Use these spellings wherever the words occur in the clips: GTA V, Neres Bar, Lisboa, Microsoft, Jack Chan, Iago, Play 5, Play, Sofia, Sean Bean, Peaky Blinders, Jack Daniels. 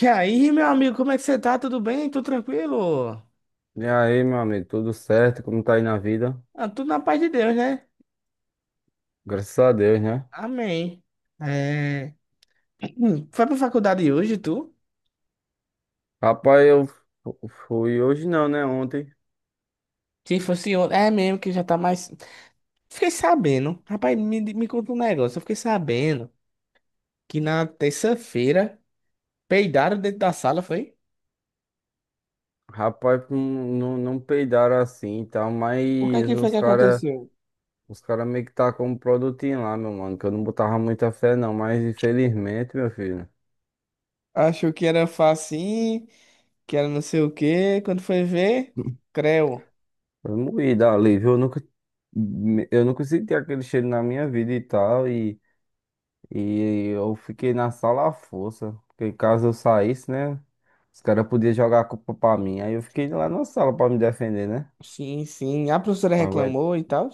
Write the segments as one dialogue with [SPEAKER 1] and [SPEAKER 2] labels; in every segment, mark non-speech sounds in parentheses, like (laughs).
[SPEAKER 1] E aí, meu amigo, como é que você tá? Tudo bem? Tudo tranquilo?
[SPEAKER 2] E aí, meu amigo, tudo certo? Como tá aí na vida?
[SPEAKER 1] Ah, tudo na paz de Deus, né?
[SPEAKER 2] Graças a Deus, né?
[SPEAKER 1] Amém. É... (clears throat) Foi pra faculdade hoje, tu?
[SPEAKER 2] Rapaz, eu fui hoje não, né? Ontem.
[SPEAKER 1] Se fosse ontem. É mesmo que já tá mais. Fiquei sabendo. Rapaz, me conta um negócio. Eu fiquei sabendo que na terça-feira peidaram dentro da sala, foi?
[SPEAKER 2] Rapaz, não, não peidaram assim e tal,
[SPEAKER 1] O que é
[SPEAKER 2] mas
[SPEAKER 1] que foi
[SPEAKER 2] os
[SPEAKER 1] que
[SPEAKER 2] cara,
[SPEAKER 1] aconteceu?
[SPEAKER 2] os cara meio que tá com um produtinho lá, meu mano, que eu não botava muita fé não, mas infelizmente, meu filho,
[SPEAKER 1] Achou que era facinho, que era não sei o quê. Quando foi ver, creu.
[SPEAKER 2] foi moída ali, viu? Eu nunca senti aquele cheiro na minha vida e tal, e eu fiquei na sala à força. Porque caso eu saísse, né? Os caras podiam jogar a culpa pra mim. Aí eu fiquei lá na sala pra me defender, né?
[SPEAKER 1] Sim, sim. A professora
[SPEAKER 2] Agora,
[SPEAKER 1] reclamou e tal.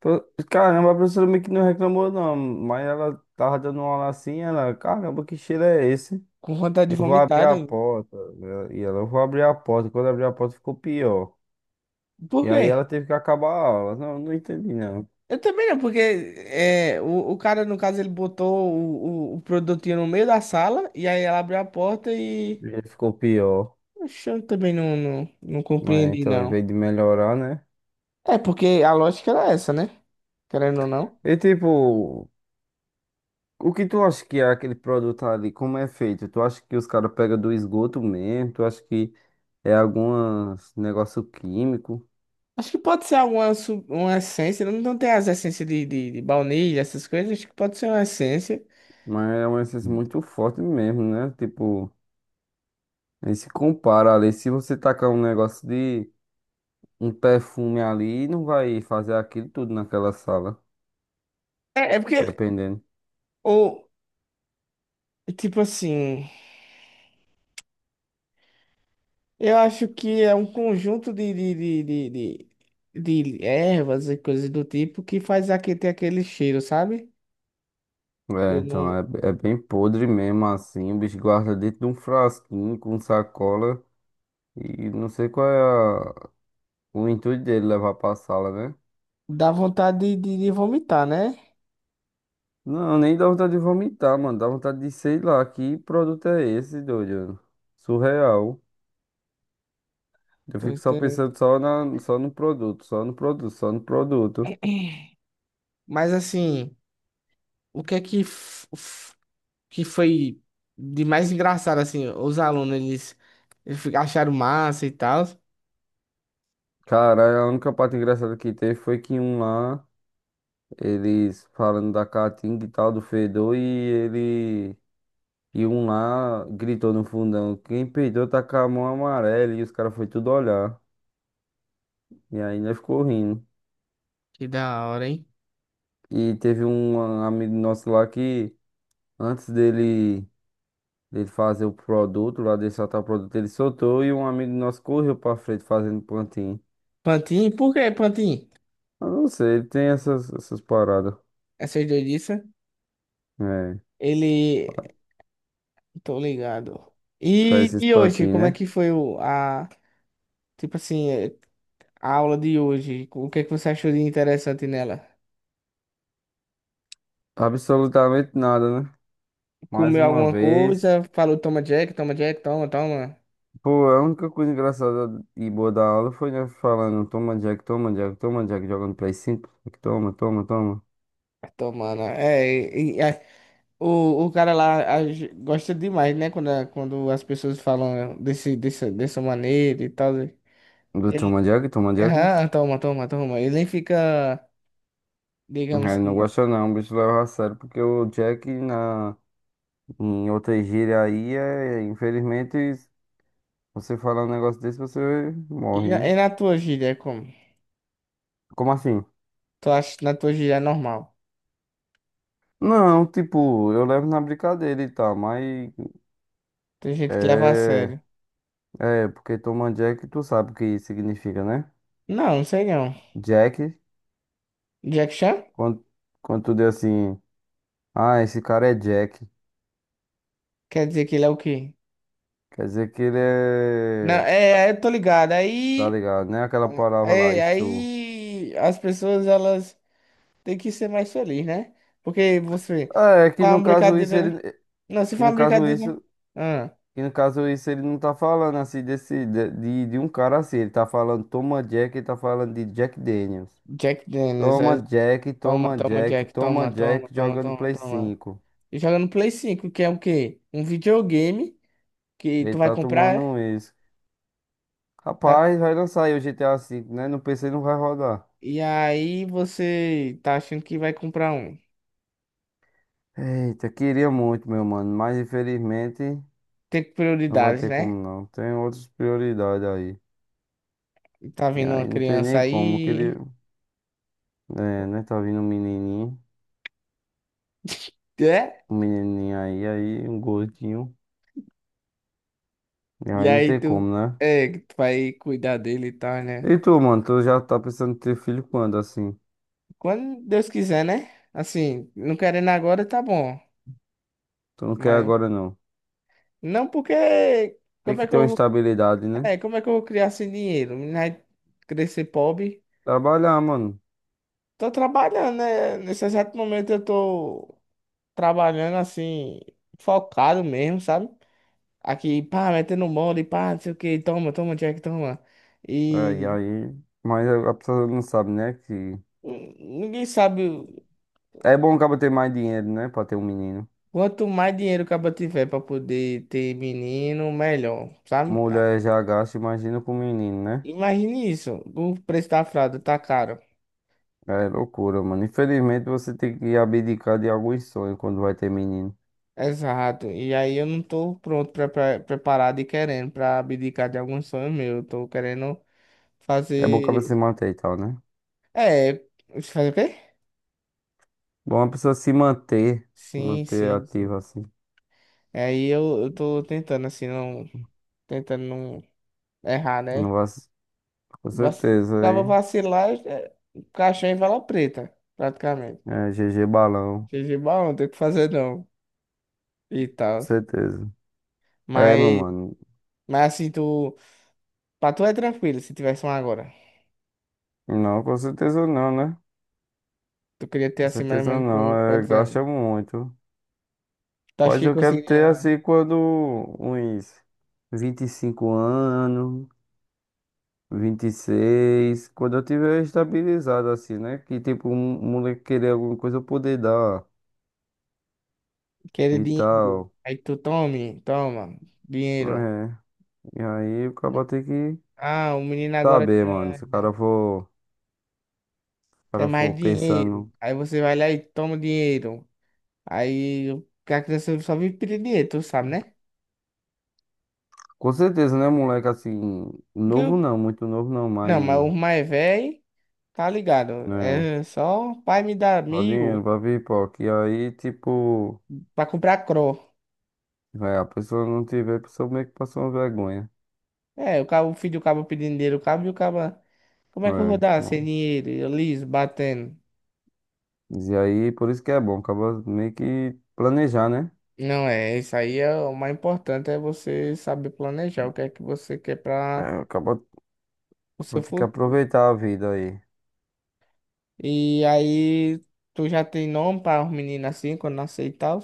[SPEAKER 2] caramba, a professora meio que não reclamou, não. Mas ela tava dando uma aula assim, ela, caramba, que cheiro é esse?
[SPEAKER 1] Com vontade de
[SPEAKER 2] Eu vou abrir
[SPEAKER 1] vomitar,
[SPEAKER 2] a
[SPEAKER 1] né?
[SPEAKER 2] porta, né? E ela, eu vou abrir a porta. Quando abriu a porta, ficou pior.
[SPEAKER 1] Por
[SPEAKER 2] E
[SPEAKER 1] quê?
[SPEAKER 2] aí ela teve que acabar a aula. Não, não entendi, não.
[SPEAKER 1] Eu também não, porque o cara, no caso, ele botou o produtinho no meio da sala e aí ela abriu a porta e.
[SPEAKER 2] E aí ficou pior.
[SPEAKER 1] Oxe, eu também não
[SPEAKER 2] Mas
[SPEAKER 1] compreendi,
[SPEAKER 2] então, em
[SPEAKER 1] não.
[SPEAKER 2] vez de melhorar, né?
[SPEAKER 1] É, porque a lógica era essa, né? Querendo ou não.
[SPEAKER 2] E tipo. O que tu acha que é aquele produto ali? Como é feito? Tu acha que os caras pegam do esgoto mesmo? Tu acha que é algum negócio químico?
[SPEAKER 1] Acho que pode ser alguma uma essência, não tem as essências de, de baunilha, essas coisas, acho que pode ser uma essência.
[SPEAKER 2] Mas é uma essência muito forte mesmo, né? Tipo, nem se compara ali. Se você tacar um negócio de um perfume ali, não vai fazer aquilo tudo naquela sala,
[SPEAKER 1] É, porque,
[SPEAKER 2] dependendo.
[SPEAKER 1] ou, tipo assim. Eu acho que é um conjunto de, de, de ervas e coisas do tipo que faz aqui ter aquele cheiro, sabe?
[SPEAKER 2] É,
[SPEAKER 1] Eu
[SPEAKER 2] então
[SPEAKER 1] não
[SPEAKER 2] é bem podre mesmo assim. O bicho guarda dentro de um frasquinho com sacola. E não sei qual é a- o intuito dele levar pra sala, né?
[SPEAKER 1] Dá vontade de, de vomitar, né?
[SPEAKER 2] Não, nem dá vontade de vomitar, mano. Dá vontade de, sei lá, que produto é esse, doido? Surreal. Eu
[SPEAKER 1] Tô
[SPEAKER 2] fico só
[SPEAKER 1] entendendo.
[SPEAKER 2] pensando só, na, só no produto, só no produto, só no produto.
[SPEAKER 1] (clears throat) Mas assim, o que é que, que foi de mais engraçado, assim? Os alunos, eles acharam massa e tal.
[SPEAKER 2] Cara, a única parte engraçada que teve foi que um lá, eles falando da caatinga e tal, do fedor, e ele. E um lá gritou no fundão: quem peidou tá com a mão amarela, e os caras foi tudo olhar. E ainda ficou rindo.
[SPEAKER 1] Que da hora, hein?
[SPEAKER 2] E teve um amigo nosso lá que, antes dele. Dele fazer o produto, lá dele soltar o produto, ele soltou e um amigo nosso correu pra frente fazendo plantinho.
[SPEAKER 1] Pantin, por que Pantin?
[SPEAKER 2] Eu não sei, ele tem essas, essas paradas.
[SPEAKER 1] Essas doidices.
[SPEAKER 2] É,
[SPEAKER 1] Ele. Tô ligado.
[SPEAKER 2] faz
[SPEAKER 1] E,
[SPEAKER 2] esses
[SPEAKER 1] e hoje,
[SPEAKER 2] plantinhos,
[SPEAKER 1] como é
[SPEAKER 2] né?
[SPEAKER 1] que foi tipo assim, a aula de hoje? O que é que você achou de interessante nela?
[SPEAKER 2] Absolutamente nada, né? Mais
[SPEAKER 1] Comeu
[SPEAKER 2] uma
[SPEAKER 1] alguma
[SPEAKER 2] vez.
[SPEAKER 1] coisa? Falou, toma Jack, toma Jack, toma, toma.
[SPEAKER 2] Pô, a única coisa engraçada e boa da aula foi nós falando, toma Jack, toma Jack, toma Jack, jogando Play 5. Jack, toma, toma, toma.
[SPEAKER 1] Tomando. É, o cara lá gosta demais, né? Quando as pessoas falam dessa maneira e tal, né?
[SPEAKER 2] Do
[SPEAKER 1] Ele,
[SPEAKER 2] toma Jack, toma Jack.
[SPEAKER 1] toma, toma, toma. Ele nem fica, digamos
[SPEAKER 2] Ele não
[SPEAKER 1] que.
[SPEAKER 2] gosta não, o bicho leva a sério, porque o Jack na, em outra gíria aí é, infelizmente, você falar um negócio desse, você
[SPEAKER 1] E,
[SPEAKER 2] morre,
[SPEAKER 1] na-
[SPEAKER 2] né?
[SPEAKER 1] e na tua gíria, é como?
[SPEAKER 2] Como assim?
[SPEAKER 1] Tu acha que na tua gíria é normal?
[SPEAKER 2] Não, tipo, eu levo na brincadeira e tal, mas
[SPEAKER 1] Tem gente que leva a
[SPEAKER 2] é.
[SPEAKER 1] sério.
[SPEAKER 2] É, porque toma Jack, tu sabe o que significa, né?
[SPEAKER 1] Não, não sei não.
[SPEAKER 2] Jack,
[SPEAKER 1] Jack Chan?
[SPEAKER 2] quando, quando tu diz assim, ah, esse cara é Jack,
[SPEAKER 1] Quer dizer que ele é o quê?
[SPEAKER 2] quer dizer que ele
[SPEAKER 1] Não,
[SPEAKER 2] é.
[SPEAKER 1] eu tô ligado.
[SPEAKER 2] Tá
[SPEAKER 1] Aí,
[SPEAKER 2] ligado, né? Aquela palavra lá,
[SPEAKER 1] é,
[SPEAKER 2] estru.
[SPEAKER 1] aí as pessoas elas têm que ser mais felizes, né? Porque você
[SPEAKER 2] É, que
[SPEAKER 1] faz
[SPEAKER 2] no
[SPEAKER 1] uma
[SPEAKER 2] caso isso
[SPEAKER 1] brincadeira, né?
[SPEAKER 2] ele.
[SPEAKER 1] Não, se
[SPEAKER 2] Que
[SPEAKER 1] faz
[SPEAKER 2] no
[SPEAKER 1] uma
[SPEAKER 2] caso
[SPEAKER 1] brincadeira, né?
[SPEAKER 2] isso.
[SPEAKER 1] Ah,
[SPEAKER 2] Que no caso isso ele não tá falando assim desse. De um cara assim, ele tá falando toma Jack, ele tá falando de Jack Daniels.
[SPEAKER 1] Jack Daniels,
[SPEAKER 2] Toma Jack,
[SPEAKER 1] toma,
[SPEAKER 2] toma
[SPEAKER 1] toma,
[SPEAKER 2] Jack,
[SPEAKER 1] Jack,
[SPEAKER 2] toma
[SPEAKER 1] toma, toma,
[SPEAKER 2] Jack
[SPEAKER 1] toma,
[SPEAKER 2] jogando
[SPEAKER 1] toma,
[SPEAKER 2] Play
[SPEAKER 1] toma.
[SPEAKER 2] 5.
[SPEAKER 1] E joga no Play 5 que é o quê? Um videogame que
[SPEAKER 2] Ele
[SPEAKER 1] tu vai
[SPEAKER 2] tá
[SPEAKER 1] comprar,
[SPEAKER 2] tomando
[SPEAKER 1] é?
[SPEAKER 2] um isso.
[SPEAKER 1] Tá?
[SPEAKER 2] Rapaz, vai lançar aí o GTA V, né? No PC não vai rodar.
[SPEAKER 1] E aí você tá achando que vai comprar um.
[SPEAKER 2] Eita, queria muito, meu mano, mas infelizmente
[SPEAKER 1] Tem
[SPEAKER 2] não vai
[SPEAKER 1] prioridades,
[SPEAKER 2] ter
[SPEAKER 1] né?
[SPEAKER 2] como não. Tem outras prioridades aí.
[SPEAKER 1] E tá
[SPEAKER 2] E
[SPEAKER 1] vindo uma
[SPEAKER 2] aí não tem
[SPEAKER 1] criança
[SPEAKER 2] nem como. Eu
[SPEAKER 1] aí,
[SPEAKER 2] queria, é, né? Tá vindo
[SPEAKER 1] (laughs) é?
[SPEAKER 2] um menininho aí, aí um gordinho. E
[SPEAKER 1] E
[SPEAKER 2] aí não
[SPEAKER 1] aí
[SPEAKER 2] tem como, né?
[SPEAKER 1] que tu vai cuidar dele e tal, né?
[SPEAKER 2] E tu, mano, tu já tá pensando em ter filho quando assim?
[SPEAKER 1] Quando Deus quiser, né? Assim, não querendo agora, tá bom.
[SPEAKER 2] Tu não quer
[SPEAKER 1] Mas
[SPEAKER 2] agora não.
[SPEAKER 1] não porque
[SPEAKER 2] Tem que ter uma estabilidade, né?
[SPEAKER 1] como é que eu vou criar sem dinheiro? Menina vai crescer pobre.
[SPEAKER 2] Trabalhar, mano.
[SPEAKER 1] Tô trabalhando, né? Nesse exato momento eu tô trabalhando assim, focado mesmo, sabe? Aqui, pá, metendo mole, pá, não sei o que, toma, toma, Jack, toma.
[SPEAKER 2] É, e
[SPEAKER 1] E
[SPEAKER 2] aí, mas a pessoa não sabe, né? Que
[SPEAKER 1] Ninguém sabe.
[SPEAKER 2] é bom o ter mais dinheiro, né? Pra ter um menino.
[SPEAKER 1] Quanto mais dinheiro o cara tiver pra poder ter menino, melhor, sabe? Ah,
[SPEAKER 2] Mulher já gasta, imagina com um menino, né?
[SPEAKER 1] imagine isso. O preço da fralda tá caro.
[SPEAKER 2] É loucura, mano. Infelizmente você tem que abdicar de alguns sonhos quando vai ter menino.
[SPEAKER 1] Exato. E aí eu não tô pronto, preparado e querendo pra abdicar de alguns sonhos meus. Eu tô querendo
[SPEAKER 2] É bom o
[SPEAKER 1] fazer.
[SPEAKER 2] se manter e tal, né?
[SPEAKER 1] É, fazer o quê?
[SPEAKER 2] Bom a pessoa se manter, se
[SPEAKER 1] Sim,
[SPEAKER 2] manter
[SPEAKER 1] sim, sim.
[SPEAKER 2] ativa assim.
[SPEAKER 1] Aí eu tô tentando, assim, não. Tentando não errar,
[SPEAKER 2] Não
[SPEAKER 1] né?
[SPEAKER 2] vai. Com
[SPEAKER 1] Vac...
[SPEAKER 2] certeza,
[SPEAKER 1] Tava
[SPEAKER 2] aí.
[SPEAKER 1] vacilar, caixão em vala preta, praticamente.
[SPEAKER 2] É, GG Balão,
[SPEAKER 1] Futebol não tem o que fazer não. E
[SPEAKER 2] com
[SPEAKER 1] tal.
[SPEAKER 2] certeza. É, meu
[SPEAKER 1] Mas,
[SPEAKER 2] mano.
[SPEAKER 1] mas, assim, tu. Pra tu é tranquilo se tivesse um agora.
[SPEAKER 2] Não, com certeza não, né?
[SPEAKER 1] Tu queria ter
[SPEAKER 2] Com
[SPEAKER 1] assim mais ou
[SPEAKER 2] certeza
[SPEAKER 1] menos
[SPEAKER 2] não,
[SPEAKER 1] com
[SPEAKER 2] é,
[SPEAKER 1] quantos anos?
[SPEAKER 2] gasta muito.
[SPEAKER 1] Tu acha
[SPEAKER 2] Pois
[SPEAKER 1] que
[SPEAKER 2] eu quero ter
[SPEAKER 1] conseguiria
[SPEAKER 2] assim quando uns 25 anos, 26 quando eu tiver estabilizado assim, né? Que tipo, um moleque querer alguma coisa eu poder dar
[SPEAKER 1] querer
[SPEAKER 2] e
[SPEAKER 1] dinheiro?
[SPEAKER 2] tal.
[SPEAKER 1] Aí tu tome, toma, dinheiro.
[SPEAKER 2] É, e aí o cara tem que
[SPEAKER 1] Ah, o menino agora
[SPEAKER 2] saber, mano,
[SPEAKER 1] quer,
[SPEAKER 2] se o
[SPEAKER 1] né,
[SPEAKER 2] cara for, se o
[SPEAKER 1] quer
[SPEAKER 2] cara
[SPEAKER 1] mais
[SPEAKER 2] for
[SPEAKER 1] dinheiro.
[SPEAKER 2] pensando.
[SPEAKER 1] Aí você vai lá e toma o dinheiro. Aí a criança só vive pedir dinheiro, tu sabe, né?
[SPEAKER 2] Com certeza, né, moleque, assim,
[SPEAKER 1] Porque
[SPEAKER 2] novo não, muito novo não,
[SPEAKER 1] não, mas
[SPEAKER 2] mas,
[SPEAKER 1] o mais velho, tá ligado?
[SPEAKER 2] né,
[SPEAKER 1] É só pai me dá
[SPEAKER 2] só dinheiro
[SPEAKER 1] mil
[SPEAKER 2] pra pipoca. E aí, tipo,
[SPEAKER 1] pra comprar cro
[SPEAKER 2] é, a pessoa não tiver, a pessoa meio que passou uma vergonha.
[SPEAKER 1] É, o cabo, o filho do cabo pedindo dinheiro, o cabo e o cabo. Como é que eu vou
[SPEAKER 2] É,
[SPEAKER 1] dar sem
[SPEAKER 2] bom.
[SPEAKER 1] dinheiro? Eu liso, batendo.
[SPEAKER 2] E aí, por isso que é bom, acaba meio que planejar, né?
[SPEAKER 1] Não é, isso aí é o mais importante é você saber planejar o que é que você quer
[SPEAKER 2] É,
[SPEAKER 1] para
[SPEAKER 2] acaba
[SPEAKER 1] o
[SPEAKER 2] vou
[SPEAKER 1] seu
[SPEAKER 2] ter que
[SPEAKER 1] futuro.
[SPEAKER 2] aproveitar a vida aí.
[SPEAKER 1] E aí, tu já tem nome para os meninos assim, quando nascer e tal?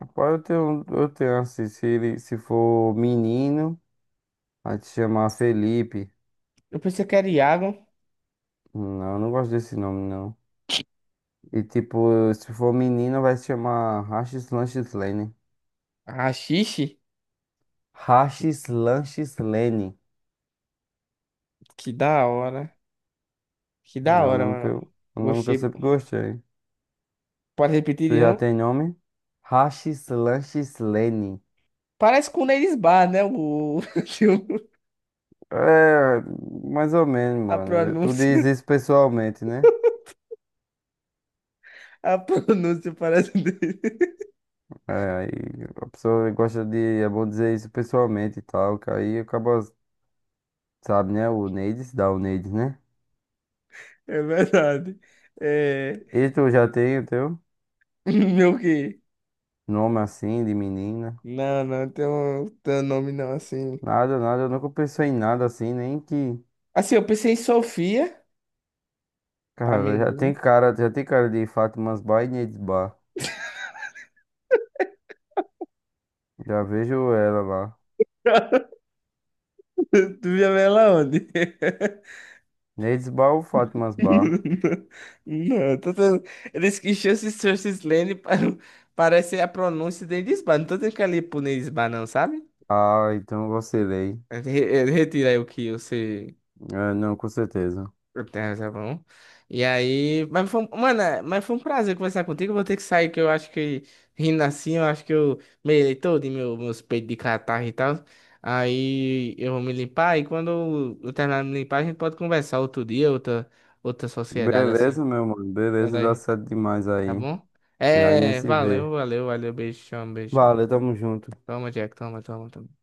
[SPEAKER 2] Rapaz, eu tenho assim, se ele, se for menino, vai te chamar Felipe.
[SPEAKER 1] Eu pensei que era Iago.
[SPEAKER 2] Não, eu não gosto desse nome, não. E tipo, se for menina, vai se chamar Rachis Lanches Lane.
[SPEAKER 1] Ah, xixi?
[SPEAKER 2] Rachis Lanches Lane.
[SPEAKER 1] Que da hora. Que da
[SPEAKER 2] É o
[SPEAKER 1] hora,
[SPEAKER 2] nome que
[SPEAKER 1] mano.
[SPEAKER 2] eu, o nome que eu
[SPEAKER 1] Gostei.
[SPEAKER 2] sempre gostei.
[SPEAKER 1] Pode repetir
[SPEAKER 2] Tu
[SPEAKER 1] de
[SPEAKER 2] já
[SPEAKER 1] novo?
[SPEAKER 2] tem nome? Rachis Lanches Lane.
[SPEAKER 1] Parece com o Neres Bar, né?
[SPEAKER 2] É, mais ou menos,
[SPEAKER 1] (laughs) A
[SPEAKER 2] mano. Tu
[SPEAKER 1] pronúncia.
[SPEAKER 2] diz isso pessoalmente, né?
[SPEAKER 1] A pronúncia parece dele.
[SPEAKER 2] É, aí a pessoa gosta de, é bom dizer isso pessoalmente e tal, que aí acaba, sabe, né? O Neides, dá o Neides, né?
[SPEAKER 1] É verdade. É...
[SPEAKER 2] E tu já tem o teu
[SPEAKER 1] (laughs) Meu quê?
[SPEAKER 2] nome assim, de menina?
[SPEAKER 1] Não, não tem um nome não, assim.
[SPEAKER 2] Nada, nada, eu nunca pensei em nada assim, nem que.
[SPEAKER 1] Assim, eu pensei em Sofia, pra
[SPEAKER 2] Cara, já
[SPEAKER 1] menina.
[SPEAKER 2] tem cara, já tem cara de Fátimas Bar e Neides Bar. Já vejo ela lá.
[SPEAKER 1] (laughs) Tu já vê ela onde? (laughs)
[SPEAKER 2] Neides Bar ou Fátimas Bar?
[SPEAKER 1] Não, tô tendo... Eles que chances, chances, Lane para... (laughs) parece a pronúncia de Lisboa. Não tô tendo que ali punir Lisboa, não, sabe?
[SPEAKER 2] Ah, então eu vacilei.
[SPEAKER 1] Retira aí o que você...
[SPEAKER 2] É, não, com certeza.
[SPEAKER 1] Tem razão. E aí, mano, mas foi um prazer conversar contigo. Eu vou ter que sair, que eu acho que rindo assim, eu acho que eu melei todo em meus peitos de catarro e tal. Aí eu vou me limpar e quando eu terminar de me limpar, a gente pode conversar outro dia, outra sociedade assim.
[SPEAKER 2] Beleza, meu mano.
[SPEAKER 1] Quando
[SPEAKER 2] Beleza,
[SPEAKER 1] a
[SPEAKER 2] dá
[SPEAKER 1] gente,
[SPEAKER 2] certo demais
[SPEAKER 1] tá
[SPEAKER 2] aí.
[SPEAKER 1] bom?
[SPEAKER 2] E aí, nós
[SPEAKER 1] É,
[SPEAKER 2] se
[SPEAKER 1] valeu,
[SPEAKER 2] vê.
[SPEAKER 1] valeu, valeu, beijão, beijão.
[SPEAKER 2] Valeu, tamo junto.
[SPEAKER 1] Toma, Jack, toma, toma, toma.